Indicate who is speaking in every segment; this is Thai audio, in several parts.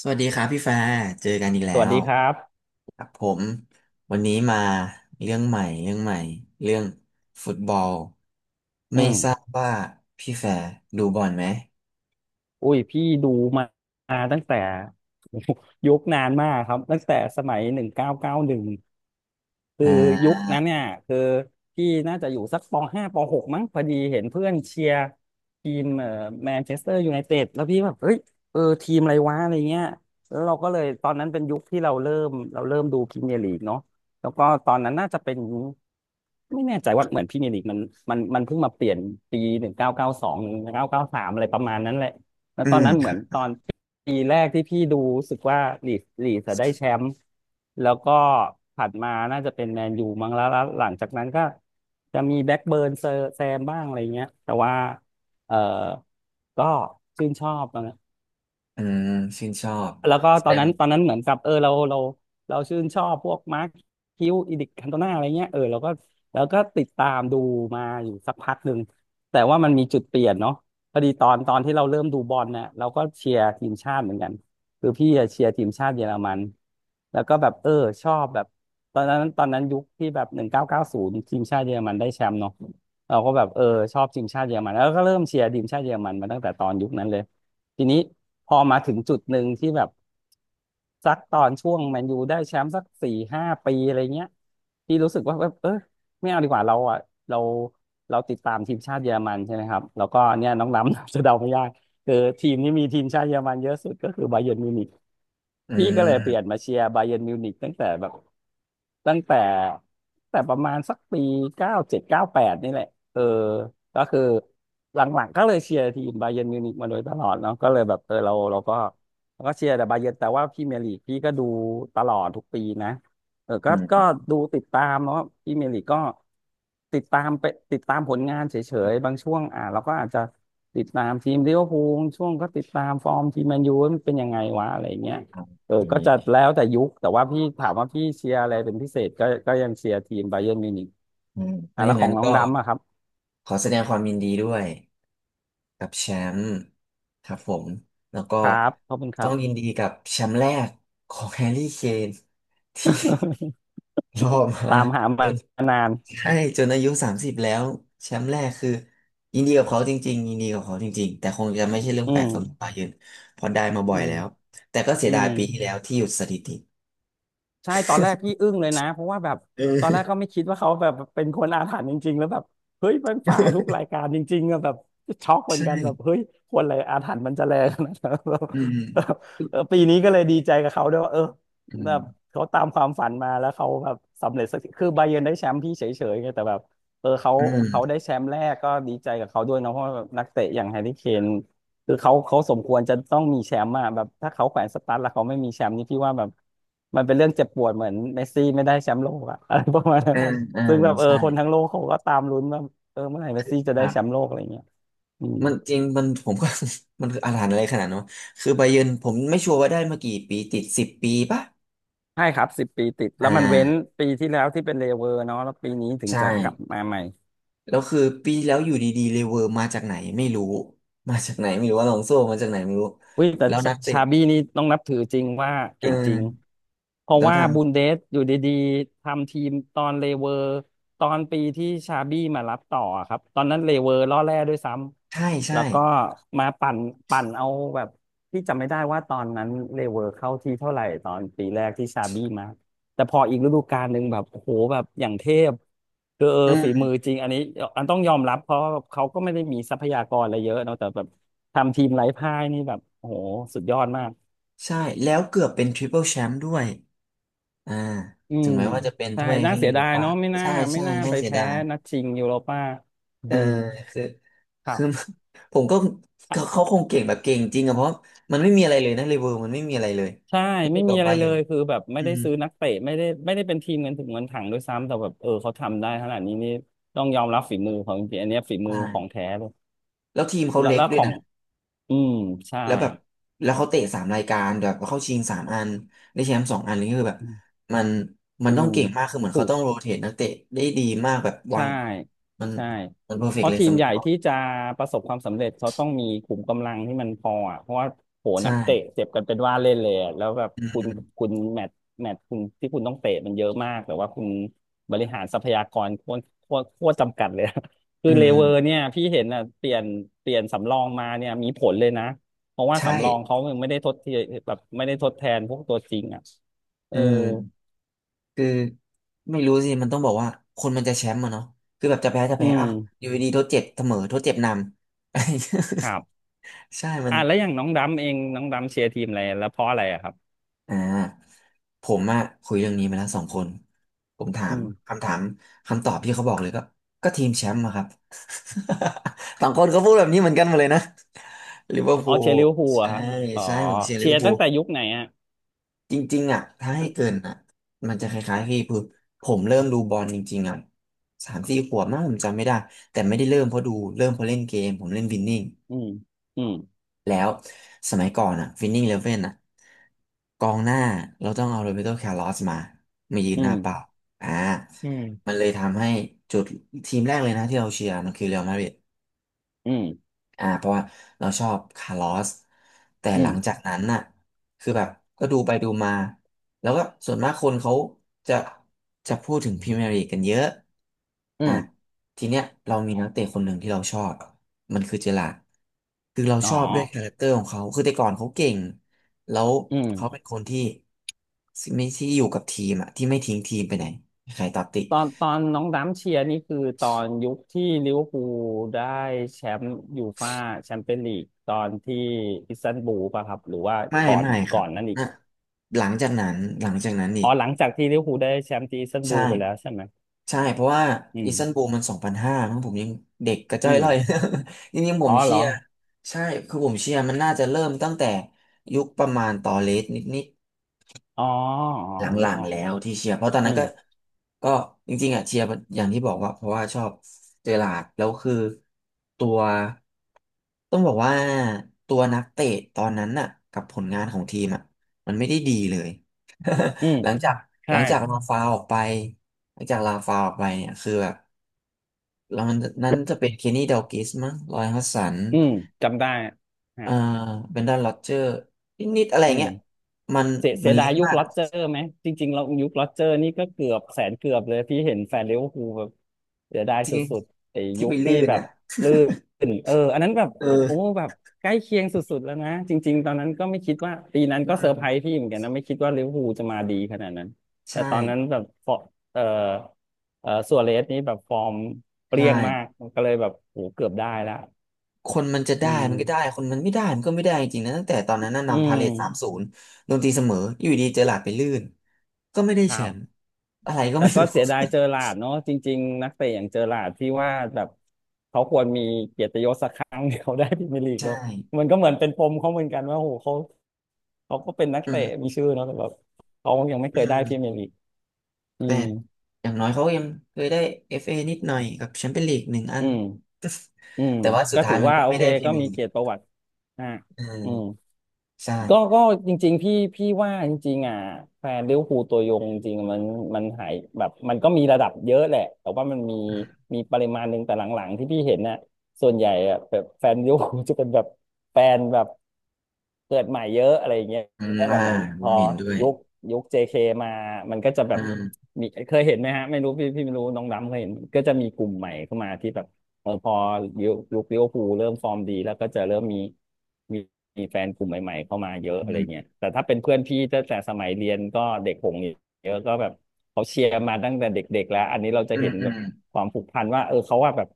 Speaker 1: สวัสดีครับพี่ฟ้าเจอกันอีกแล้
Speaker 2: สวัส
Speaker 1: ว
Speaker 2: ดีครับ
Speaker 1: ครับผมวันนี้มาเรื่องใหม่เรื่องใหม่เรื่องฟุตบอล
Speaker 2: อื
Speaker 1: ไม่
Speaker 2: ม
Speaker 1: ทราบว่าพี่แฟร์ดูบอลไหม
Speaker 2: อุ้ยพี่ดูมาตั้งแต่ ยุคนานมากครับตั้งแต่สมัย1991คือ
Speaker 1: อ่
Speaker 2: ยุค
Speaker 1: า
Speaker 2: นั้นเนี่ยคือพี่น่าจะอยู่สักปห้าปหกมั้งพอดีเห็นเพื่อนเชียร์ทีมแมนเชสเตอร์ยูไนเต็ดแล้วพี่แบบเฮ้ยเออทีมอะไรวะอะไรเงี้ยแล้วเราก็เลยตอนนั้นเป็นยุคที่เราเริ่มดูพรีเมียร์ลีกเนาะแล้วก็ตอนนั้นน่าจะเป็นไม่แน่ใจว่าเหมือนพรี่เมียร์ลีกมันเพิ่งมาเปลี่ยนปี19921993อะไรประมาณนั้นแหละ แล้ว
Speaker 1: อื
Speaker 2: ตอน
Speaker 1: ม
Speaker 2: นั้นเหมือนตอนปีแรกที่พี่ดูรู้สึกว่าลีดจะได้แชมป์แล้วก็ถัดมาน่าจะเป็นแมนยูมั้งแล้วหลังจากนั้นก็จะมีแบ็กเบิร์นเซอร์แซมบ้างอะไรเงี้ยแต่ว่าเออก็ชื่นชอบนะ
Speaker 1: อืมชื่นชอบ
Speaker 2: แล้วก็
Speaker 1: แส
Speaker 2: ตอ
Speaker 1: ด
Speaker 2: น
Speaker 1: ง
Speaker 2: นั้นตอนนั้นเหมือนกับเออเราชื่นชอบพวกมาร์คคิวอีดิคันโตนาอะไรเงี้ยเออเราก็แล้วก็ติดตามดูมาอยู่สักพักหนึ่งแต่ว่ามันมีจุดเปลี่ยนเนาะพอดีตอนที่เราเริ่มดูบอลเนี่ยเราก็เชียร์ทีมชาติเหมือนกันคือพี่อะเชียร์ทีมชาติเยอรมันแล้วก็แบบเออชอบแบบตอนนั้นยุคที่แบบ1990ทีมชาติเยอรมันได้แชมป์เนาะเราก็แบบเออชอบทีมชาติเยอรมันแล้วก็เริ่มเชียร์ทีมชาติเยอรมันมาตั้งแต่ตอนยุคนั้นเลยทีนี้พอมาถึงจุดหนึ่งที่แบบ สักตอนช่วงแมนยูได้แชมป์สัก4-5 ปีอะไรเงี้ยที่รู้สึกว่าแบบเออไม่เอาดีกว่าเราอ่ะเราเราติดตามทีมชาติเยอรมันใช่ไหมครับแล้วก็เนี่ยน้องล้ำ จะเดาไม่ยากคือทีมที่มีทีมชาติเยอรมันเยอะสุดก็คือบาเยิร์นมิวนิก
Speaker 1: อื
Speaker 2: พี่ก็เลยเปลี่ยน
Speaker 1: ม
Speaker 2: มาเชียร์บาเยิร์นมิวนิกตั้งแต่แบบ ตั้งแต่แต่ประมาณสักปี97-98นี่แหละเออก็คือหลังๆก็เลยเชียร์ทีมบาเยิร์นมิวนิกมาโดยตลอดเนาะก็เลยแบบเออเราก็เชียร์แต่บาเยิร์นแต่ว่าพรีเมียร์ลีกพี่ก็ดูตลอดทุกปีนะเออก็
Speaker 1: อืม
Speaker 2: ก็
Speaker 1: อืม
Speaker 2: ดูติดตามแล้วพรีเมียร์ลีกก็ติดตามไปติดตามผลงานเฉยๆบางช่วงอ่าเราก็อาจจะติดตามทีมลิเวอร์พูลช่วงก็ติดตามฟอร์มทีมแมนยูว่ามันเป็นยังไงวะอะไรเงี้ย
Speaker 1: โอ
Speaker 2: เออ
Speaker 1: เค
Speaker 2: ก็จะแล้วแต่ยุค แต่ว่าพี่ถามว่าพี่เชียร์อะไรเป็นพิเศษก็ยังเชียร์ทีมไบเยิร์นมิวนิก
Speaker 1: อืมเพ
Speaker 2: อ่ะ
Speaker 1: ราะอ
Speaker 2: แล้ว
Speaker 1: ย่าง
Speaker 2: ขอ
Speaker 1: นั้
Speaker 2: ง
Speaker 1: น
Speaker 2: น้อ
Speaker 1: ก็
Speaker 2: งดำอะครับ
Speaker 1: ขอแสดงความยินดีด้วย กับแชมป์ครับผมแล้วก็
Speaker 2: ครับขอบคุณค
Speaker 1: ต้
Speaker 2: รั
Speaker 1: อง
Speaker 2: บ
Speaker 1: ยินดีกับแชมป์แรกของแฮร์รี่เคนที่ รอ มา
Speaker 2: ตามหา
Speaker 1: จ
Speaker 2: มา
Speaker 1: น
Speaker 2: นาน
Speaker 1: ใช่จนอายุ30แล้วแชมป์แรกคือยินดีกับเขาจริงๆยินดีกับเขาจริงๆแต่คงจะไม่ใช่เรื่อง
Speaker 2: อื
Speaker 1: แปล
Speaker 2: ม
Speaker 1: กสำหรับบาเยิร์นเพราะได้มาบ่
Speaker 2: อื
Speaker 1: อย
Speaker 2: ม
Speaker 1: แล้วแต่ก็เสีย
Speaker 2: อื
Speaker 1: ดาย
Speaker 2: ม
Speaker 1: ปีที่แล้วที่หยุดสถิติ
Speaker 2: ใช่ตอนแรกพี่อึ้งเลยนะเพราะว่าแบบ
Speaker 1: เออ
Speaker 2: ตอนแรกก็ไม่คิดว่าเขาแบบเป็นคนอาถรรพ์จริงๆแล้วแบบเฮ้ยมันฝ่าวทุกรายการจริงๆอะแบบช็อกเห มือน
Speaker 1: ใช่
Speaker 2: กันแบบเฮ้ยคนอะไรอาถรรพ์มันจะแรงขนาดนั้น แบบ
Speaker 1: อืม
Speaker 2: เออปีนี้ก็เลยดีใจกับเขาด้วยว่าเออ
Speaker 1: อื
Speaker 2: แบบ
Speaker 1: ม
Speaker 2: เขาตามความฝันมาแล้วเขาแบบสำเร็จสักทีคือไบาเยิร์นได้แชมป์พี่เฉยๆไงแต่แบบเออเขา
Speaker 1: อืม
Speaker 2: เขาได้แชมป์แรกก็ดีใจกับเขาด้วยเนาะเพราะว่านักเตะอย่างแฮร์รี่เคน คือเขาสมควรจะต้องมีแชมป์อะแบบถ้าเขาแขวนสตั๊ดแล้วเขาไม่มีแชมป์นี่พี่ว่าแบบมันเป็นเรื่องเจ็บปวดเหมือนเมสซี่ไม่ได้แชมป์โลกอะ อะไรประมาณนั้
Speaker 1: อื
Speaker 2: น
Speaker 1: มอ่า
Speaker 2: ซึ่ง
Speaker 1: อ่า
Speaker 2: แบบเออ
Speaker 1: ใช่
Speaker 2: คนทั้งโลกเขาก็ตามลุ้นว่าเออเมื่อไหร่เมสซี่จะ
Speaker 1: ค
Speaker 2: ได้
Speaker 1: รั
Speaker 2: แชมป์โล
Speaker 1: บ
Speaker 2: กอะไรเงี้ยอืม
Speaker 1: มันจริงมัน ผมก็ มันคืออาถรรพ์อะไรขนาดนั้นวะคือไบเยิร์นผมไม่ชัวร์ว่าได้มากี่ปีติด10 ปีปะ
Speaker 2: ใช่ครับ10 ปีติด
Speaker 1: อ่
Speaker 2: แล้วมันเว้น
Speaker 1: า
Speaker 2: ปีที่แล้วที่เป็นเลเวอร์เนาะแล้วปีนี้ถึง
Speaker 1: ใช่
Speaker 2: จะกลับมาใหม่
Speaker 1: แล้วคือปีที่แล้วอยู่ดีๆเลเวอร์มาจากไหนไม่รู้มาจากไหนไม่รู้ว่าลองโซ่มาจากไหนไม่รู้
Speaker 2: อุ้ยแต่
Speaker 1: แล้ว
Speaker 2: ช
Speaker 1: นักเตะ
Speaker 2: ชาบี้นี่ต้องนับถือจริงว่า
Speaker 1: เออ
Speaker 2: เก่งจริงเพราะ
Speaker 1: แล้ว
Speaker 2: ว่า
Speaker 1: ท
Speaker 2: บุนเดสอยู่ดีๆทำทีมตอนเลเวอร์ตอนปีที่ชาบี้มารับต่อครับตอนนั้นเลเวอร์ล่อแร่ด้วยซ้
Speaker 1: ำใช่
Speaker 2: ำ
Speaker 1: ใช่
Speaker 2: แล้วก็มาปั่นเอาแบบที่จำไม่ได้ว่าตอนนั้นเลเวอร์เข้าที่เท่าไหร่ตอนปีแรกที่ชาบี้มา แต่พออีกฤดูกาลหนึ่งแบบโอ้โหแบบอย่างเทพคือ
Speaker 1: อื
Speaker 2: ฝีมือ
Speaker 1: ม
Speaker 2: จริงอันนี้อันต้องยอมรับเพราะเขาก็ไม่ได้มีทรัพยากรอะไรเยอะเนอะแต่แบบทำทีมไร้พ่ายนี่แบบโอ้โหสุดยอดมาก
Speaker 1: ใช่แล้วเกือบเป็นทริปเปิลแชมป์ด้วยอ่า
Speaker 2: อื
Speaker 1: ถึง
Speaker 2: ม
Speaker 1: แม้ว่าจะเป็น
Speaker 2: ใช่
Speaker 1: ถ้วย
Speaker 2: น่า
Speaker 1: แค่
Speaker 2: เสี
Speaker 1: ยู
Speaker 2: ย
Speaker 1: โร
Speaker 2: ดาย
Speaker 1: ปา
Speaker 2: เนาะไม่น่า
Speaker 1: ใช่
Speaker 2: ไม่
Speaker 1: ใช่
Speaker 2: น่า
Speaker 1: น่า
Speaker 2: ไป
Speaker 1: เสีย
Speaker 2: แพ้
Speaker 1: ดาย
Speaker 2: นัดชิงยูโรป้าอื
Speaker 1: เออ
Speaker 2: ม
Speaker 1: คือ
Speaker 2: ครั
Speaker 1: คือ
Speaker 2: บ
Speaker 1: ผมก็เขาคงเก่งแบบเก่งจริงอะเพราะมันไม่มีอะไรเลยนะเลเวอร์มันไม่มีอะไรเลย
Speaker 2: ใช่
Speaker 1: ถ้าเที
Speaker 2: ไม่
Speaker 1: ยบกั
Speaker 2: มี
Speaker 1: บ
Speaker 2: อะไร
Speaker 1: บา
Speaker 2: เล
Speaker 1: เยิร์น
Speaker 2: ยคือแบบไม่
Speaker 1: อื
Speaker 2: ได้
Speaker 1: ม
Speaker 2: ซื้อนักเตะไม่ได้เป็นทีมเงินถึงเงินถังด้วยซ้ำแต่แบบเขาทำได้ขนาดนี้นี่ต้องยอมรับฝีมือของจริงๆอันเนี้ยฝีมื
Speaker 1: ใช่
Speaker 2: อของแท้เลย
Speaker 1: แล้วทีมเขา
Speaker 2: แล้ว
Speaker 1: เล็ก
Speaker 2: แล้ว
Speaker 1: ด้
Speaker 2: ข
Speaker 1: วย
Speaker 2: อง
Speaker 1: นะ
Speaker 2: อืมใช่
Speaker 1: แล้วแบบแล้วเขาเตะ3 รายการแบบเข้าชิง3 อันได้แชมป์2 อันนี่คือแบบ
Speaker 2: อืม
Speaker 1: มันมัน
Speaker 2: อื
Speaker 1: ต้อง
Speaker 2: ม
Speaker 1: เก่งมากคือเหมือน
Speaker 2: ถู
Speaker 1: เขา
Speaker 2: ก
Speaker 1: ต้องโรเตทนักเตะได้ดีมากแบบวา
Speaker 2: ใช่
Speaker 1: งมัน
Speaker 2: ใช่
Speaker 1: มันเพอร์เฟ
Speaker 2: เพ
Speaker 1: กต์
Speaker 2: ราะ
Speaker 1: เลย
Speaker 2: ทีม
Speaker 1: สำหรั
Speaker 2: ให
Speaker 1: บ
Speaker 2: ญ่
Speaker 1: เขา
Speaker 2: ที่จะประสบความสำเร็จเขาต้องมีขุมกำลังที่มันพออ่ะเพราะว่าโห
Speaker 1: ใช่
Speaker 2: นักเตะเจ็บกันเป็นว่าเล่นเลยอะแล้วแบบ
Speaker 1: อื
Speaker 2: คุณ
Speaker 1: ม
Speaker 2: คุณแมตช์แมตช์คุณที่คุณต้องเตะมันเยอะมากแต่ว่าคุณบริหารทรัพยากรโคตรจำกัดเลยอะ คื
Speaker 1: อื
Speaker 2: อเลเวอร์
Speaker 1: ม
Speaker 2: เนี่ยพี่เห็นอ่ะเปลี่ยนสำรองมาเนี่ยมีผลเลยนะเพราะว่า
Speaker 1: ใช่
Speaker 2: สำรองเขายังไม่ได้ทดเทียแบบไม่ได้ทดแทนพวกตัวจริงอ่ะเอ
Speaker 1: อื
Speaker 2: อ
Speaker 1: ม คือไม่รู้สิมันต้องบอกว่าคนมันจะแชมป์อะเนาะคือแบบจะแพ้จะ
Speaker 2: อื
Speaker 1: แพ้
Speaker 2: ม
Speaker 1: อ่ะอยู่ดีๆทดเจ็บเสมอทดเจ็บนำ
Speaker 2: ครับ
Speaker 1: ใช่มัน
Speaker 2: อ่ะแล้วอย่างน้องดำเองน้องดำเชียร์ทีมอะไรแล้วเพราะอะไรอะครับ
Speaker 1: อ่าผมอะคุยเรื่องนี้มาแล้วสองคนผมถา
Speaker 2: อื
Speaker 1: ม
Speaker 2: ม
Speaker 1: คำถามคำตอบที่เขาบอกเลยก็ก็ทีมแชมป์อะครับ สองคนก็พูดแบบนี้เหมือนกันหมดเลยนะลิเวอร์
Speaker 2: อ๋
Speaker 1: พู
Speaker 2: อ
Speaker 1: ล
Speaker 2: เชียร์ลิเวอร์พูลอะ
Speaker 1: ใช่
Speaker 2: ครับอ๋อ
Speaker 1: ใช่ผมเชียร์ลิ
Speaker 2: เชี
Speaker 1: เว
Speaker 2: ย
Speaker 1: อร์
Speaker 2: ร์
Speaker 1: พู
Speaker 2: ตั้ง
Speaker 1: ล
Speaker 2: แต่ยุคไหนอะ
Speaker 1: จริงๆอ่ะถ้าให้เกินอ่ะมันจะคล้ายๆพี่คือผมเริ่มดูบอลจริงๆอ่ะ3-4 ขวบมั้งผมจำไม่ได้แต่ไม่ได้เริ่มเพราะดูเริ่มเพราะเล่นเกมผมเล่นวินนิ่ง
Speaker 2: อืมอืม
Speaker 1: แล้วสมัยก่อนอ่ะวินนิ่งเลเว่นอ่ะกองหน้าเราต้องเอาโรเบโตคาร์ลอสมามายืน
Speaker 2: อื
Speaker 1: หน้าเป้า
Speaker 2: ม
Speaker 1: อ่า
Speaker 2: อืม
Speaker 1: มันเลยทำให้จุดทีมแรกเลยนะที่เราเชียร์มันคือเรอัลมาดริด
Speaker 2: อืม
Speaker 1: อ่าเพราะว่าเราชอบคาร์ลอสแต่
Speaker 2: อื
Speaker 1: หลั
Speaker 2: ม
Speaker 1: งจากนั้นน่ะคือแบบก็ดูไปดูมาแล้วก็ส่วนมากคนเขาจะจะพูดถึงพรีเมียร์ลีกกันเยอะ
Speaker 2: อื
Speaker 1: อ่ะ
Speaker 2: ม
Speaker 1: ทีเนี้ยเรามีนักเตะคนหนึ่งที่เราชอบมันคือเจอราร์ดคือเรา
Speaker 2: อ๋อ
Speaker 1: ชอบด้วยคาแรคเตอร์ของเขาคือแต่ก่อนเขาเก่งแล้ว
Speaker 2: อืม
Speaker 1: เขาเป็นคนที่ไม่ที่อยู่กับทีมอะที่ไม่ทิ้งทีมไปไหนใครตัดติ
Speaker 2: ตอนน้องดำเชียร์นี่คือตอนยุคที่ลิเวอร์พูลได้แชมป์ยูฟ่าแชมเปี้ยนลีกตอนที่อิสตันบูลป่ะครับหรือว่า
Speaker 1: ไม่
Speaker 2: ก่อน
Speaker 1: ไม่ค
Speaker 2: ก่
Speaker 1: รั
Speaker 2: อ
Speaker 1: บ
Speaker 2: นนั้นอีก
Speaker 1: นะหลังจากนั้นหลังจากนั้นอี
Speaker 2: อ๋อ
Speaker 1: ก
Speaker 2: หลังจากที่ลิเวอร์พูลได้แชมป์ที่อิสตันบู
Speaker 1: ใช่
Speaker 2: ลไปแล้วใช่ไหม
Speaker 1: ใช่เพราะว่า
Speaker 2: อื
Speaker 1: อิ
Speaker 2: ม
Speaker 1: สตันบูลมัน2005มั้งผมยังเด็กกระจ้
Speaker 2: อื
Speaker 1: อยร่อย
Speaker 2: ม
Speaker 1: จริงๆผ
Speaker 2: อ๋อ
Speaker 1: ม
Speaker 2: เห
Speaker 1: เชี
Speaker 2: รอ
Speaker 1: ยร์ใช่คือผมเชียร์มันน่าจะเริ่มตั้งแต่ยุคประมาณตอเลสนิดด
Speaker 2: อ๋ออ๋อ
Speaker 1: หล
Speaker 2: นึ
Speaker 1: ั
Speaker 2: ก
Speaker 1: ง
Speaker 2: ออ
Speaker 1: ๆ
Speaker 2: ก
Speaker 1: แล้วที่เชียร์เพราะตอน
Speaker 2: อื
Speaker 1: นั้น
Speaker 2: ม
Speaker 1: ก็ก็จริงๆอ่ะเชียร์อย่างที่บอกว่าเพราะว่าชอบเจอราร์ดแล้วคือตัวต้องบอกว่าตัวนักเตะตอนนั้นน่ะกับผลงานของทีมอ่ะมันไม่ได้ดีเลย
Speaker 2: อืม
Speaker 1: หลังจากห
Speaker 2: ใช่
Speaker 1: ลังจากลาฟาวออกไปหลังจากลาฟาวออกไปเนี่ยคือแบบแล้วมันนั้นจะเป็นเคนนี่ดัลกิชมั้งรอยฮัดสัน
Speaker 2: อืมจำได้ฮะ
Speaker 1: เอ่อเบรนดอนโรเจอร์นิดๆอะไร
Speaker 2: อืม
Speaker 1: เงี้ยมัน
Speaker 2: เสียเสี
Speaker 1: มั
Speaker 2: ย
Speaker 1: น
Speaker 2: ดา
Speaker 1: เละ
Speaker 2: ยยุค
Speaker 1: มาก
Speaker 2: ล็เจอร์ไหมจริงๆเรายุคล็เจอร์นี่ก็เกือบแสนเกือบเลยพี่เห็นแฟนลิเวอร์พูลแบบเสียดาย
Speaker 1: ที่
Speaker 2: สุดๆไอ้
Speaker 1: ที่
Speaker 2: ยุ
Speaker 1: ไป
Speaker 2: ค
Speaker 1: ลื่
Speaker 2: ที่
Speaker 1: น
Speaker 2: แบบ
Speaker 1: อ่ะ
Speaker 2: ลื่นอันนั้นแบบโอ้
Speaker 1: เออ
Speaker 2: แบบใกล้เคียงสุดๆแล้วนะจริงๆตอนนั้นก็ไม่คิดว่าปีนั้น
Speaker 1: อื
Speaker 2: ก็เซอร์ไพร
Speaker 1: ม
Speaker 2: ส์พี่เหมือนกันนะไม่คิดว่าลิเวอร์พูลจะมาดีขนาดนั้นแต่
Speaker 1: ใช่
Speaker 2: ตอนนั้นแบบฟอเออเออซัวเรสนี่แบบฟอร์มเป
Speaker 1: ใช่
Speaker 2: รี้ยงมากก็เลยแบบโหเกือบได้ละ
Speaker 1: คนมันจะ
Speaker 2: อื
Speaker 1: ได้
Speaker 2: ม
Speaker 1: มันก็ได้คนมันไม่ได้มันก็ไม่ได้จริงๆนะตั้งแต่ตอนนั้นน่ะ
Speaker 2: อื
Speaker 1: นำพา
Speaker 2: ม
Speaker 1: เลท3-0โดนตีเสมออยู่ดีเจอหลาดไปลื่นก็ไม่ได้
Speaker 2: ค
Speaker 1: แช
Speaker 2: รับ
Speaker 1: มป์อะไรก็
Speaker 2: แต่
Speaker 1: ไม่
Speaker 2: ก็
Speaker 1: รู้
Speaker 2: เสียดายเจอหลาร์ดเนาะจริงๆนักเตะอย่างเจอหลาร์ดที่ว่าแบบเขาควรมีเกียรติยศสักครั้งที่เดีได้พรีเมียร์ลีก เนาะ
Speaker 1: ใช่
Speaker 2: มันก็เหมือนเป็นปมเขาเหมือนกันว่าโหเขาก็เป็นนัก
Speaker 1: อื
Speaker 2: เตะมี
Speaker 1: ม
Speaker 2: ชื่อเนาะแต่แบบเขายังไม่
Speaker 1: อื
Speaker 2: เคยได้พรีเมี
Speaker 1: ม
Speaker 2: ยร์ลีกอื
Speaker 1: แต่
Speaker 2: ม
Speaker 1: อย่างน้อยเขายังเคยได้เอฟเอนิดหน่อยกับแชมเปี้ยนลีกหนึ่งอั
Speaker 2: อื
Speaker 1: น
Speaker 2: มอืม
Speaker 1: แต่ว่าสุ
Speaker 2: ก็
Speaker 1: ดท้า
Speaker 2: ถื
Speaker 1: ย
Speaker 2: อ
Speaker 1: มัน
Speaker 2: ว่า
Speaker 1: ก็
Speaker 2: โอ
Speaker 1: ไม่
Speaker 2: เค
Speaker 1: ได้พรี
Speaker 2: ก็
Speaker 1: เมียร์
Speaker 2: มี
Speaker 1: ลีก
Speaker 2: เกียรติประวัติอ่า
Speaker 1: เออ
Speaker 2: อืม
Speaker 1: ใช่
Speaker 2: ก็จริงๆพี่ว่าจริงๆอ่ะแฟนลิเวอร์พูลตัวยงจริงๆมันหายแบบมันก็มีระดับเยอะแหละแต่ว่ามันมีมีปริมาณหนึ่งแต่หลังๆที่พี่เห็นน่ะส่วนใหญ่อ่ะแบบแฟนลิเวอร์พูลจะเป็นแบบแฟนแบบเกิดใหม่เยอะอะไรอย่างเงี้ย
Speaker 1: อืม
Speaker 2: แบ
Speaker 1: อ่า
Speaker 2: บเหมือน
Speaker 1: ผ
Speaker 2: พอ
Speaker 1: มเห็นด้วย
Speaker 2: ยุคยุค JK มามันก็จะแบ
Speaker 1: อื
Speaker 2: บ
Speaker 1: ม
Speaker 2: มีเคยเห็นไหมฮะไม่รู้พี่ไม่รู้น้องดำเคยเห็นก็จะมีกลุ่มใหม่เข้ามาที่แบบพอยุคลิเวอร์พูลเริ่มฟอร์มดีแล้วก็จะเริ่มมี มีแฟนกลุ่มใหม่ๆเข้ามาเยอะ
Speaker 1: อื
Speaker 2: อะไร
Speaker 1: ม
Speaker 2: เงี้ยแต่ถ้าเป็นเพื่อนพี่ตั้งแต่สมัยเรียนก็เด็กหงเยอะก็แบบเขาเชียร์มาตั้งแต่เด็กๆแล้ว อันนี้เราจะ
Speaker 1: อื
Speaker 2: เห็
Speaker 1: ม
Speaker 2: น
Speaker 1: อื
Speaker 2: แบบ
Speaker 1: ม
Speaker 2: ความผูกพันว่าเขาว่าแบบ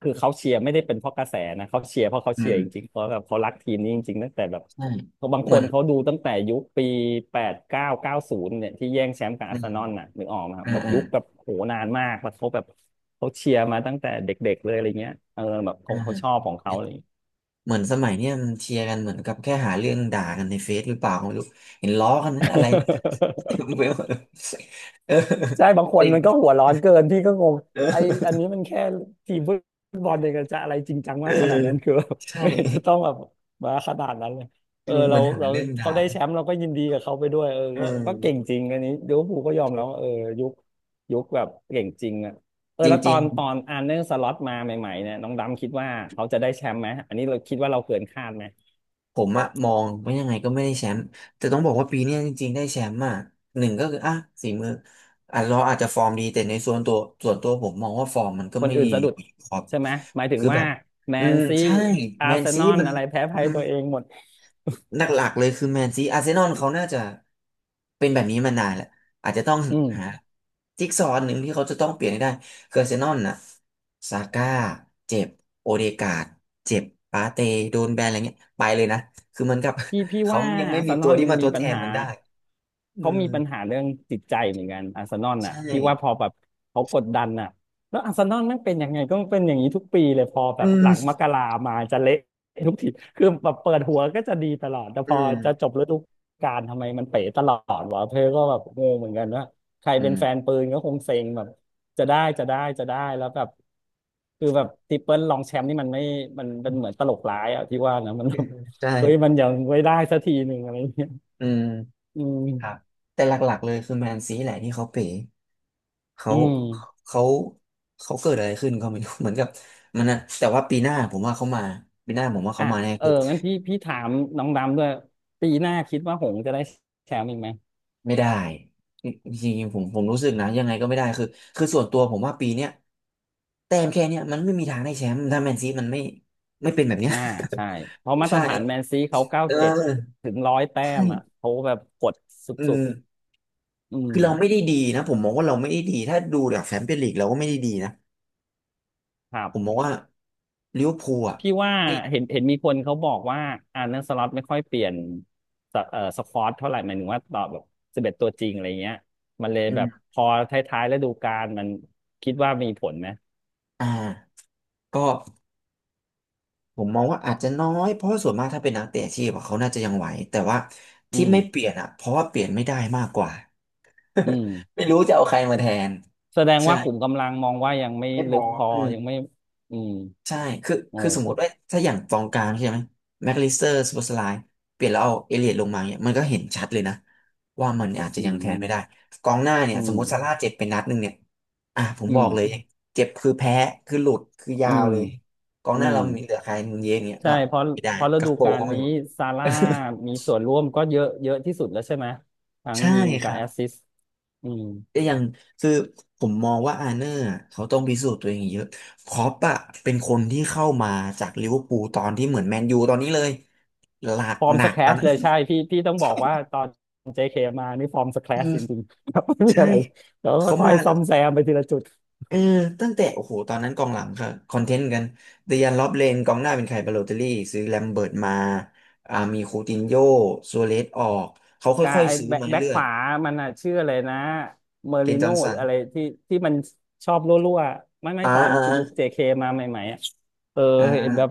Speaker 2: คือเขาเชียร์ไม่ได้เป็นเพราะกระแสนะเขาเชียร์เพราะเขา
Speaker 1: อื
Speaker 2: เชียร์
Speaker 1: ม
Speaker 2: จริงๆเพราะแบบเขารักทีมนี้จริงๆตั้งแต่แบบ
Speaker 1: ใช่
Speaker 2: เขาบาง
Speaker 1: เห
Speaker 2: ค
Speaker 1: มือ
Speaker 2: น
Speaker 1: น
Speaker 2: เขาดูตั้งแต่ยุคปีแปดเก้าเก้าศูนย์เนี่ยที่แย่งแชมป์กับ
Speaker 1: อื
Speaker 2: อาร์เซ
Speaker 1: ม
Speaker 2: นอลน่ะนึกออกไหมครับ
Speaker 1: อ่า
Speaker 2: แบบยุคแบบโหนานมากแล้วเขาแบบเขาเชียร์มาตั้งแต่เด็กๆเลยอะไรเงี้ยแบบเขาชอบ
Speaker 1: อ่า
Speaker 2: ของเขาอะไรอย่างเงี้ย
Speaker 1: เหมือนสมัยเนี่ยมันเชียร์กันเหมือนกับแค่หาเรื่องด่ากันในเฟซหรือเปล่าก็ไม่รู้เห็นล้อกันนั้นอะไร เต็มไปหมดเออ
Speaker 2: ใช่บางค
Speaker 1: จ
Speaker 2: น
Speaker 1: ริง
Speaker 2: มันก็หัวร้อนเกินพี่ก็งง
Speaker 1: เอ
Speaker 2: ไอ
Speaker 1: อ
Speaker 2: อันนี้มันแค่ทีมฟุตบอลเองจะอะไรจริงจัง
Speaker 1: เอ
Speaker 2: มา
Speaker 1: อ
Speaker 2: กขนาดนั้นคือ
Speaker 1: ใช่
Speaker 2: ไม่เห็นจะต้องแบบมาขนาดนั้นเลย
Speaker 1: เออ
Speaker 2: เรา
Speaker 1: มันหา
Speaker 2: เรา
Speaker 1: เรื่อง
Speaker 2: เขา
Speaker 1: ด่า
Speaker 2: ได้แชมป์เราก็ยินดีกับเขาไปด้วย
Speaker 1: เออ
Speaker 2: ก็ก็เก่งจริงอันนี้ลิเวอร์พูลก็ยอมแล้วว่าเออยุคยุคแบบเก่งจริงอ่ะ
Speaker 1: จร
Speaker 2: แล้วตอ
Speaker 1: ิง
Speaker 2: นตอ
Speaker 1: ๆ
Speaker 2: นอาร์เนสล็อตมาใหม่ๆเนี่ยน้องดำคิดว่าเขาจะได้แชมป์ไหมอันนี้เราคิดว่าเราเกินคาดไหม
Speaker 1: ผมอะมองว่ายังไงก็ไม่ได้แชมป์แต่ต้องบอกว่าปีเนี้ยจริงๆได้แชมป์อะหนึ่งก็คืออ่ะฝีมืออ่ะเราอาจจะฟอร์มดีแต่ในส่วนตัวผมมองว่าฟอร์มมันก็
Speaker 2: คน
Speaker 1: ไม่
Speaker 2: อื่
Speaker 1: ดี
Speaker 2: นสะดุด
Speaker 1: ครับ
Speaker 2: ใช่ไหมหมายถึง
Speaker 1: คือแบ
Speaker 2: ว่า
Speaker 1: บ
Speaker 2: แม
Speaker 1: อื
Speaker 2: น
Speaker 1: ม
Speaker 2: ซี
Speaker 1: ใช่
Speaker 2: อา
Speaker 1: แม
Speaker 2: ร์
Speaker 1: น
Speaker 2: เซ
Speaker 1: ซี
Speaker 2: นอล
Speaker 1: มัน
Speaker 2: อะไรแพ้ภัยตัวเองหมด
Speaker 1: หลักๆเลยคือแมนซีอาร์เซนอลเขาน่าจะเป็นแบบนี้มานานแหละอาจจะต้อง
Speaker 2: อืม
Speaker 1: หาจิ๊กซอว์หนึ่งที่เขาจะต้องเปลี่ยนให้ได้คืออาร์เซนอลน่ะซาก้าเจ็บโอเดการ์ดเจ็บปาเตโดนแบนอะไรเงี้ยไปเลยนะคือเหมันกับ
Speaker 2: พี่พี่
Speaker 1: เขา
Speaker 2: ว่า
Speaker 1: ยังไม่
Speaker 2: อาร์เซ
Speaker 1: มี
Speaker 2: น
Speaker 1: ตั
Speaker 2: อ
Speaker 1: ว
Speaker 2: ล
Speaker 1: ที่มาท
Speaker 2: มี
Speaker 1: ด
Speaker 2: ปั
Speaker 1: แท
Speaker 2: ญ
Speaker 1: น
Speaker 2: หา
Speaker 1: มันได้อื
Speaker 2: เขา
Speaker 1: ม
Speaker 2: มีปัญหาเรื่องจิตใจเหมือนกันอาร์เซนอลน่ะ
Speaker 1: ใช่
Speaker 2: พี่ว่าพอแบบเขากดดันน่ะแล้วอาร์เซนอลมันเป็นยังไงก็เป็นอย่างนี้ทุกปีเลยพอแบ
Speaker 1: อื
Speaker 2: บห
Speaker 1: ม
Speaker 2: ลังมกรามาจะเละทุกทีคือแบบเปิดหัวก็จะดีตลอดแต่พ
Speaker 1: อื
Speaker 2: อ
Speaker 1: ม
Speaker 2: จะจบฤดูกาลทำไมมันเป๋ตลอดวะเพื่อก็แบบงงเหมือนกันว่าใคร
Speaker 1: อื
Speaker 2: เป็นแฟน
Speaker 1: ม
Speaker 2: ปืนก็คงเซ็งแบบจะได้จะได้จะได้แล้วแบบคือแบบทริปเปิลรองแชมป์นี่มันไม่มันเป็นเหมือนตลกร้ายอะพี่ว่านะมัน
Speaker 1: ใ
Speaker 2: เฮ้ยมั
Speaker 1: ช่
Speaker 2: นยังไว้ได้สักทีหนึ่งอะไรเงี้ย
Speaker 1: อืม
Speaker 2: อืม
Speaker 1: ครับแต่หลักๆเลยคือแมนซีแหละที่เขาเป๋เขา
Speaker 2: อืม
Speaker 1: เขาเกิดอะไรขึ้นก็ไม่รู้ เหมือนกับมันนะแต่ว่าปีหน้าผมว่าเขามาปีหน้าผมว่า
Speaker 2: อ่ะ
Speaker 1: เขามาแน่
Speaker 2: เออ
Speaker 1: คือ
Speaker 2: งั้นพี่พี่ถามน้องดำด้วยปีหน้าคิดว่าหงส์จะได้แชมป์อีกไหม
Speaker 1: ไม่ได้จริงๆผมรู้สึกนะยังไงก็ไม่ได้คือคือส่วนตัวผมว่าปีเนี้ยแต้มแค่เนี้ยมันไม่มีทางได้แชมป์ถ้าแมนซีมันไม่เป็นแบบเนี้ย
Speaker 2: อ่าใช่ เพราะ มาตร
Speaker 1: ใช่
Speaker 2: ฐานแมนซีเขาเก้า
Speaker 1: เ
Speaker 2: เจ็ด
Speaker 1: ออ
Speaker 2: ถึงร้อยแต้มอ่ะ
Speaker 1: ใช่
Speaker 2: เขาแบบกดส
Speaker 1: อื
Speaker 2: ุด
Speaker 1: ม
Speaker 2: ๆอืม
Speaker 1: คือเราไม่ได้ดีนะผมมองว่าเราไม่ได้ดีถ้าดูจากแชมเปี้ยนลีกเราก็ไม่ได้ดีนะ
Speaker 2: ครับ
Speaker 1: ผมมองว่าลิเวอร์พูลอ่ะ
Speaker 2: พี่ว่า
Speaker 1: ไม่
Speaker 2: เห็นเห็นมีคนเขาบอกว่าอาร์เน s สล็อตไม่ค่อยเปลี่ยนสสควอตเท่าไหร่หมายถึงว่าต่อแบบสิบเอ็ดตัวจริงอะไรเงี้ยมันเลย
Speaker 1: อื
Speaker 2: แบบ
Speaker 1: ม
Speaker 2: พอท้ายๆฤดูกาลมันคิดว่ามีผลไหม
Speaker 1: อ่าก็ผมมองว่าอาจจะน้อยเพราะว่าส่วนมากถ้าเป็นนักเตะอาชีพอะเขาน่าจะยังไหวแต่ว่า
Speaker 2: อื
Speaker 1: ที่
Speaker 2: ม
Speaker 1: ไม่เปลี่ยนอ่ะเพราะว่าเปลี่ยนไม่ได้มากกว่า
Speaker 2: อืม
Speaker 1: ไม่รู้จะเอาใครมาแทน
Speaker 2: แสดง
Speaker 1: ใช่
Speaker 2: ว่าขุมกำลังมองว่ายังไม่
Speaker 1: ไม่พ
Speaker 2: ลึ
Speaker 1: อ
Speaker 2: กพอยังไม่อืม
Speaker 1: ใช่คือ
Speaker 2: โอ้
Speaker 1: คือสมม
Speaker 2: คือ
Speaker 1: ติว่า ถ้าอย่างกองกลางใช่ไหมแม็กลิสเตอร์สปอสไลน์เปลี่ยนแล้วเอาเอเลียดลงมาเนี่ยมันก็เห็นชัดเลยนะ ว่ามันอาจจะ
Speaker 2: อื
Speaker 1: ยังแทนไม่ได้
Speaker 2: ม
Speaker 1: กองหน้าเนี่
Speaker 2: อื
Speaker 1: ย สม
Speaker 2: ม
Speaker 1: มติซาร่าเจ็บไปนัดหนึ่งเนี่ยอ่ะผม
Speaker 2: อื
Speaker 1: บอกเลย
Speaker 2: ม
Speaker 1: เจ็บคือแพ้ คือหลุด คือยา
Speaker 2: อื
Speaker 1: ว
Speaker 2: ม
Speaker 1: เลยกอง
Speaker 2: อื
Speaker 1: หน้า
Speaker 2: ม
Speaker 1: เรามีเหลือใครมุนเยสเนี่ย
Speaker 2: ใช่
Speaker 1: ก็
Speaker 2: เพราะ
Speaker 1: ไม่ได้
Speaker 2: เพราะฤ
Speaker 1: กัก
Speaker 2: ดู
Speaker 1: โป
Speaker 2: กา
Speaker 1: ก็
Speaker 2: ล
Speaker 1: ไม่
Speaker 2: นี้
Speaker 1: หมด
Speaker 2: ซาร่ามีส่วนร่วมก็เยอะเยอะที่สุดแล้วใช่ไหมทั้ ง
Speaker 1: ใช่
Speaker 2: ยิง
Speaker 1: ค
Speaker 2: กับ
Speaker 1: รั
Speaker 2: แอส
Speaker 1: บ
Speaker 2: ซิสต์อืม
Speaker 1: ก็ยังคือผมมองว่าอาร์เนอร์อะเขาต้องพิสูจน์ตัวเองอีกเยอะคล็อปอะเป็นคนที่เข้ามาจากลิเวอร์พูลตอนที่เหมือนแมนยูตอนนี้เลยหลัก
Speaker 2: ฟอร์ม
Speaker 1: หนั
Speaker 2: ส
Speaker 1: ก
Speaker 2: แคล
Speaker 1: ตอน
Speaker 2: ช
Speaker 1: นั้น
Speaker 2: เลยใช่พี่พี่ต้อง บอ
Speaker 1: ใช่
Speaker 2: กว่าตอน JK มานี่ฟอร์มสแคล
Speaker 1: อื
Speaker 2: ช
Speaker 1: ม
Speaker 2: จริงๆ ครับไม่มี
Speaker 1: ใช่
Speaker 2: อะไรแล้ว
Speaker 1: เขา
Speaker 2: ค่อย
Speaker 1: มา
Speaker 2: ๆ
Speaker 1: แล้
Speaker 2: ซ่อ
Speaker 1: ว
Speaker 2: มแซมไปทีละจุด
Speaker 1: เออตั้งแต่โอ้โหตอนนั้นกองหลังค่ะคอนเทนต์กันเดยันล็อบเลนกองหน้าเป็นใครบาโลเตลลี่ซื้อแลมเบิร์ตมาอ่ามีคูตินโญ่ซัวเรซออกเขา
Speaker 2: กา
Speaker 1: ค่อย
Speaker 2: ไอ้
Speaker 1: ๆซื้อ
Speaker 2: แบ็ค
Speaker 1: มา
Speaker 2: แบ็ค
Speaker 1: เรื่อ
Speaker 2: ข
Speaker 1: ย
Speaker 2: วา มันอ่ะชื่ออะไรนะเมอ
Speaker 1: ๆเก
Speaker 2: ริ
Speaker 1: นจอ
Speaker 2: โน่
Speaker 1: ห์น
Speaker 2: ห
Speaker 1: สั
Speaker 2: รือ
Speaker 1: น
Speaker 2: อะไรที่ที่มันชอบรั่วๆไม่ไม่
Speaker 1: อ่า
Speaker 2: ตอน
Speaker 1: อ่า
Speaker 2: จุยุคเจเคมาใหม่ๆอ่ะเออ
Speaker 1: อ่า
Speaker 2: เห็นแบบ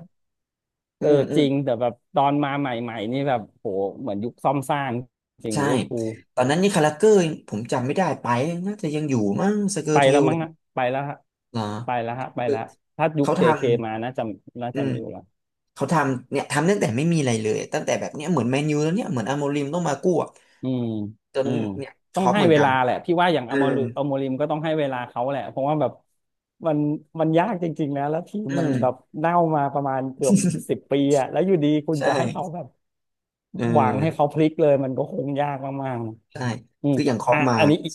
Speaker 1: อื
Speaker 2: เออ
Speaker 1: มอื
Speaker 2: จ
Speaker 1: ม
Speaker 2: ริงแต่แบบตอนมาใหม่ๆนี่แบบโหเหมือนยุคซ่อมสร้างจริง
Speaker 1: ใช่
Speaker 2: ลิเวอร์พูล
Speaker 1: ตอนนั้นนี่คาราเกอร์ผมจำไม่ได้ไปน่าจะยังอยู่มั้งสเกอ
Speaker 2: ไป
Speaker 1: ร์เท
Speaker 2: แล้ว
Speaker 1: ลเล
Speaker 2: มั้ง
Speaker 1: ย
Speaker 2: อะไปแล้วฮะ
Speaker 1: เหรอ
Speaker 2: ไปแล้วฮะไป
Speaker 1: คือ
Speaker 2: แล้วถ้ายุค
Speaker 1: เขาท
Speaker 2: เจเคมาน่าจะน่า
Speaker 1: ำอื
Speaker 2: จะ
Speaker 1: ม
Speaker 2: มีอยู่แล้ว
Speaker 1: เขาทำเนี่ยทำตั้งแต่ไม่มีอะไรเลยตั้งแต่แบบเนี้ยเหมือนแมนยูแล้วเนี่ยเหมือนอาโมริมต้องมากู้อะ
Speaker 2: อืม
Speaker 1: จน
Speaker 2: อืม
Speaker 1: เนี่ยค
Speaker 2: ต้อง
Speaker 1: ล็อป
Speaker 2: ให้
Speaker 1: เหมือน
Speaker 2: เว
Speaker 1: กัน
Speaker 2: ลาแหละ พี่ว่าอย่าง
Speaker 1: อ
Speaker 2: อ
Speaker 1: อ
Speaker 2: มริอมริมก็ต้องให้เวลาเขาแหละเพราะว่าแบบมันมันยากจริงๆนะแล้วทีม
Speaker 1: ออื
Speaker 2: มัน
Speaker 1: ม
Speaker 2: แบบเน่ามาประมาณเกือบสิบปีอะแล้วอยู่ดีคุณ
Speaker 1: ใช่
Speaker 2: จะให้เขาแบบ
Speaker 1: เอ
Speaker 2: หวังให้เขา
Speaker 1: อ
Speaker 2: พลิกเลยมันก็คงยากมาก
Speaker 1: ใช่
Speaker 2: ๆอืม
Speaker 1: คืออย่างคล็อป
Speaker 2: อ่ะ
Speaker 1: มา
Speaker 2: อันนี้อีก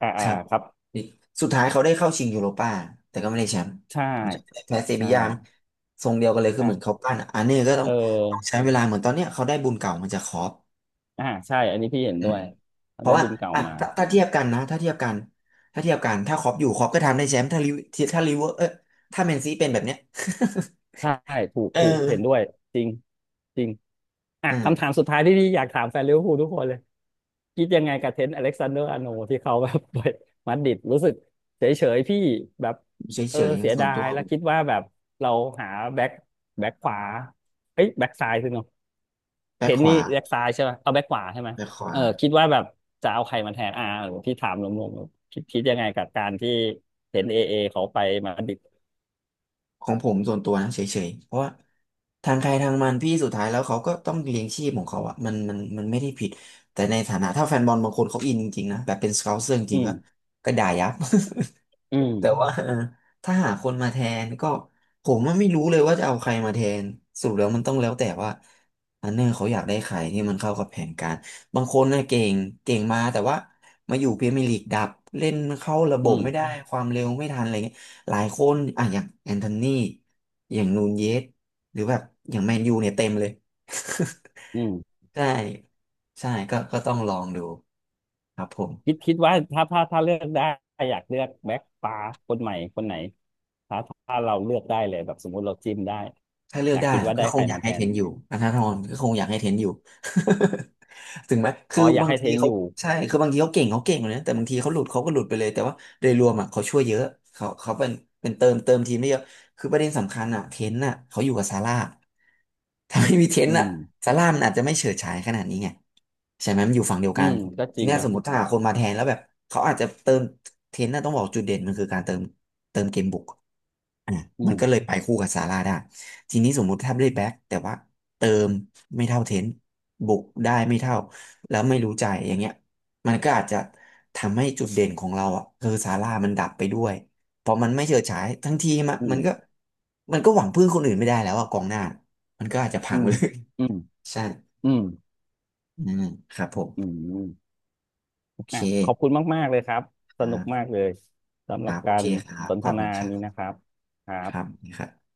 Speaker 2: อ่า
Speaker 1: ค
Speaker 2: อ่า
Speaker 1: รับ
Speaker 2: ครับ
Speaker 1: ดิสุดท้ายเขาได้เข้าชิงยูโรป้าแต่ก็ไม่ได้แชมป์
Speaker 2: ใช่
Speaker 1: ผมจำไม่ได้แพ้เซบี
Speaker 2: ใช่
Speaker 1: ยามั้งทรงเดียวกันเลยคือเหมือนเขา
Speaker 2: อ่ะ
Speaker 1: ปั้นอะอันนี้ก็
Speaker 2: เอ
Speaker 1: ต้องต้อง
Speaker 2: อ
Speaker 1: ใช้เวลาเหมือนตอนเนี้ยเขาได้บุญเก่ามาจากคอป
Speaker 2: อ่าใช่อันนี้พี่เห็น
Speaker 1: อื
Speaker 2: ด้ว
Speaker 1: ม
Speaker 2: ย
Speaker 1: เพราะ
Speaker 2: ได้
Speaker 1: ว่า
Speaker 2: บุญเก่า
Speaker 1: อ่ะ
Speaker 2: มา
Speaker 1: ถ้าเทียบกันนะถ้าเทียบกันถ้าเทียบกันถ้าคอปอยู่คอปก็ทำได้แชมป์ถ้าลิเวถ้าลิเวอร์เออถ้าแมนซีเป็นแบบเนี้ย
Speaker 2: ใช่ถูก
Speaker 1: เออ
Speaker 2: ถูกเห็นด้วยจริงจริงอ่ะคำถาม
Speaker 1: อ่า
Speaker 2: สุดท้ายที่พี่อยากถามแฟนลิเวอร์พูลทุกคนเลยคิดยังไงกับเทรนต์อเล็กซานเดอร์อาร์โนลด์ที่เขาแบบไปมาดริดรู้สึกเฉยเฉยพี่แบบ
Speaker 1: เ
Speaker 2: เอ
Speaker 1: ฉ
Speaker 2: อ
Speaker 1: ย
Speaker 2: เสีย
Speaker 1: ๆส่วน
Speaker 2: ดา
Speaker 1: ตั
Speaker 2: ย
Speaker 1: ว
Speaker 2: แล้วคิดว่าแบบเราหาแบ็คแบ็คขวาเอ้ยแบ็คซ้ายสิเนาะเท
Speaker 1: แบ็
Speaker 2: ร
Speaker 1: ค
Speaker 2: น
Speaker 1: ข
Speaker 2: ต์นี่
Speaker 1: วา
Speaker 2: แบ็คซ้ายใช่ไหมเอาแบ็คขวาใช่ไหม
Speaker 1: แบ็คขวา
Speaker 2: เออคิดว่าแบบจะเอาใครมาแทนอ่าหรือพี่ถามรวมๆคิดคิดยังไงกับการที่เทรนต์เอเอเขาไปมาดริด
Speaker 1: ของผมส่วนตัวนะเฉยๆ เพราะว่าทางใครทางมันพี่สุดท้ายแล้วเขาก็ต้องเลี้ยงชีพของเขาอะมันมันไม่ได้ผิดแต่ในฐานะถ้าแฟนบอลบางคนเขาอินจริงๆนะแบบเป็นสเกาเซอร์จ
Speaker 2: อื
Speaker 1: ริงๆก็
Speaker 2: ม
Speaker 1: ก็ด่ายับ
Speaker 2: อืม
Speaker 1: แต่ว่า เออถ้าหาคนมาแทนก็ผมว่าไม่รู้เลยว่าจะเอาใครมาแทนสรุปแล้วมันต้องแล้วแต่ว่าอันเนอร์เขาอยากได้ใครที่มันเข้ากับแผนการบางคนน่ะเก่งเก่งมาแต่ว่ามาอยู่พรีเมียร์ลีกดับเล่นเข้าระบ
Speaker 2: อื
Speaker 1: บ
Speaker 2: ม
Speaker 1: ไม่ได้ความเร็วไม่ทันอะไรเงี้ยหลายคนอ่ะอย่างแอนโทนีอย่างนูนเยสหรือแบบอย่างแมนยูเนี่ยเต็มเลย
Speaker 2: อืม
Speaker 1: ใช่ใช่ก็ต้องลองดูครับผม
Speaker 2: คิดคิดว่าถ้าถ้าถ้าเลือกได้อยากเลือกแบ็คฟ้าคนใหม่คนไหนถ้าถ้าเราเลือกได้เลยแบบสมมุติเราจิ้มได้
Speaker 1: ถ้าเลื
Speaker 2: อ
Speaker 1: อก
Speaker 2: ยาก
Speaker 1: ได้
Speaker 2: คิด
Speaker 1: อะ
Speaker 2: ว่า
Speaker 1: ก็
Speaker 2: ได้
Speaker 1: ค
Speaker 2: ใค
Speaker 1: ง
Speaker 2: ร
Speaker 1: อยาก
Speaker 2: มาแท
Speaker 1: ให้เท
Speaker 2: น
Speaker 1: นอยู่อัธนาธรก็คงอยากให้เทนอยู่ ถึงไหมคื
Speaker 2: อ๋
Speaker 1: อ
Speaker 2: ออยาก
Speaker 1: บาง
Speaker 2: ให้เท
Speaker 1: ที
Speaker 2: น
Speaker 1: เขา
Speaker 2: อยู่
Speaker 1: ใช่คือบางทีเขาเก่งเขาเก่งเลยนะแต่บางทีเขาหลุดเขาก็หลุดไปเลยแต่ว่าโดยรวมอ่ะเขาช่วยเยอะเขาเป็นเป็นเติมเติมทีมได้เยอะคือประเด็นสำคัญอ่ะเทนอ่ะเขาอยู่กับซาร่าถ้าไม่มีเทน
Speaker 2: อื
Speaker 1: อ่ะ
Speaker 2: ม
Speaker 1: ซาร่ามันอาจจะไม่เฉิดฉายขนาดนี้ไงใช่ไหมมันอยู่ฝั่งเดียว
Speaker 2: อื
Speaker 1: กัน
Speaker 2: มก็จ
Speaker 1: ที
Speaker 2: ริง
Speaker 1: เนี้ย
Speaker 2: นะ
Speaker 1: สมมติถ้าหาคนมาแทนแล้วแบบเขาอาจจะเติมเทนน่ะต้องบอกจุดเด่นมันคือการเติมเติมเกมบุก อ่ะ
Speaker 2: อื
Speaker 1: มันก็
Speaker 2: ม
Speaker 1: เลยไปคู่กับซาร่าได้ทีนี้สมมุติถ้าได้แบ็คแต่ว่าเติมไม่เท่าเทนต์บุกได้ไม่เท่าแล้วไม่รู้ใจอย่างเงี้ยมันก็อาจจะทำให้จุดเด่นของเราอ่ะคือซาร่ามันดับไปด้วยเพราะมันไม่เฉิดฉายทั้งทีมอะ
Speaker 2: อื
Speaker 1: มัน
Speaker 2: ม
Speaker 1: ก็มันก็หวังพึ่งคนอื่นไม่ได้แล้วอะกองหน้ามันก็อาจจะพั
Speaker 2: อื
Speaker 1: ง
Speaker 2: ม
Speaker 1: เลย
Speaker 2: อืม
Speaker 1: ใช่
Speaker 2: อืม
Speaker 1: อืมครับผม
Speaker 2: อืมอม
Speaker 1: โอเค
Speaker 2: อ่ะขอบคุณมากๆเลยครับส
Speaker 1: ครั
Speaker 2: นุกมา
Speaker 1: บ
Speaker 2: กเลยสำห
Speaker 1: ค
Speaker 2: รับ
Speaker 1: รับโอ
Speaker 2: กา
Speaker 1: เค
Speaker 2: ร
Speaker 1: ครับ
Speaker 2: สน
Speaker 1: ข
Speaker 2: ท
Speaker 1: อบคุ
Speaker 2: นา
Speaker 1: ณครั
Speaker 2: นี้นะ
Speaker 1: บ
Speaker 2: ครับครั
Speaker 1: ครับ
Speaker 2: บ
Speaker 1: นครับ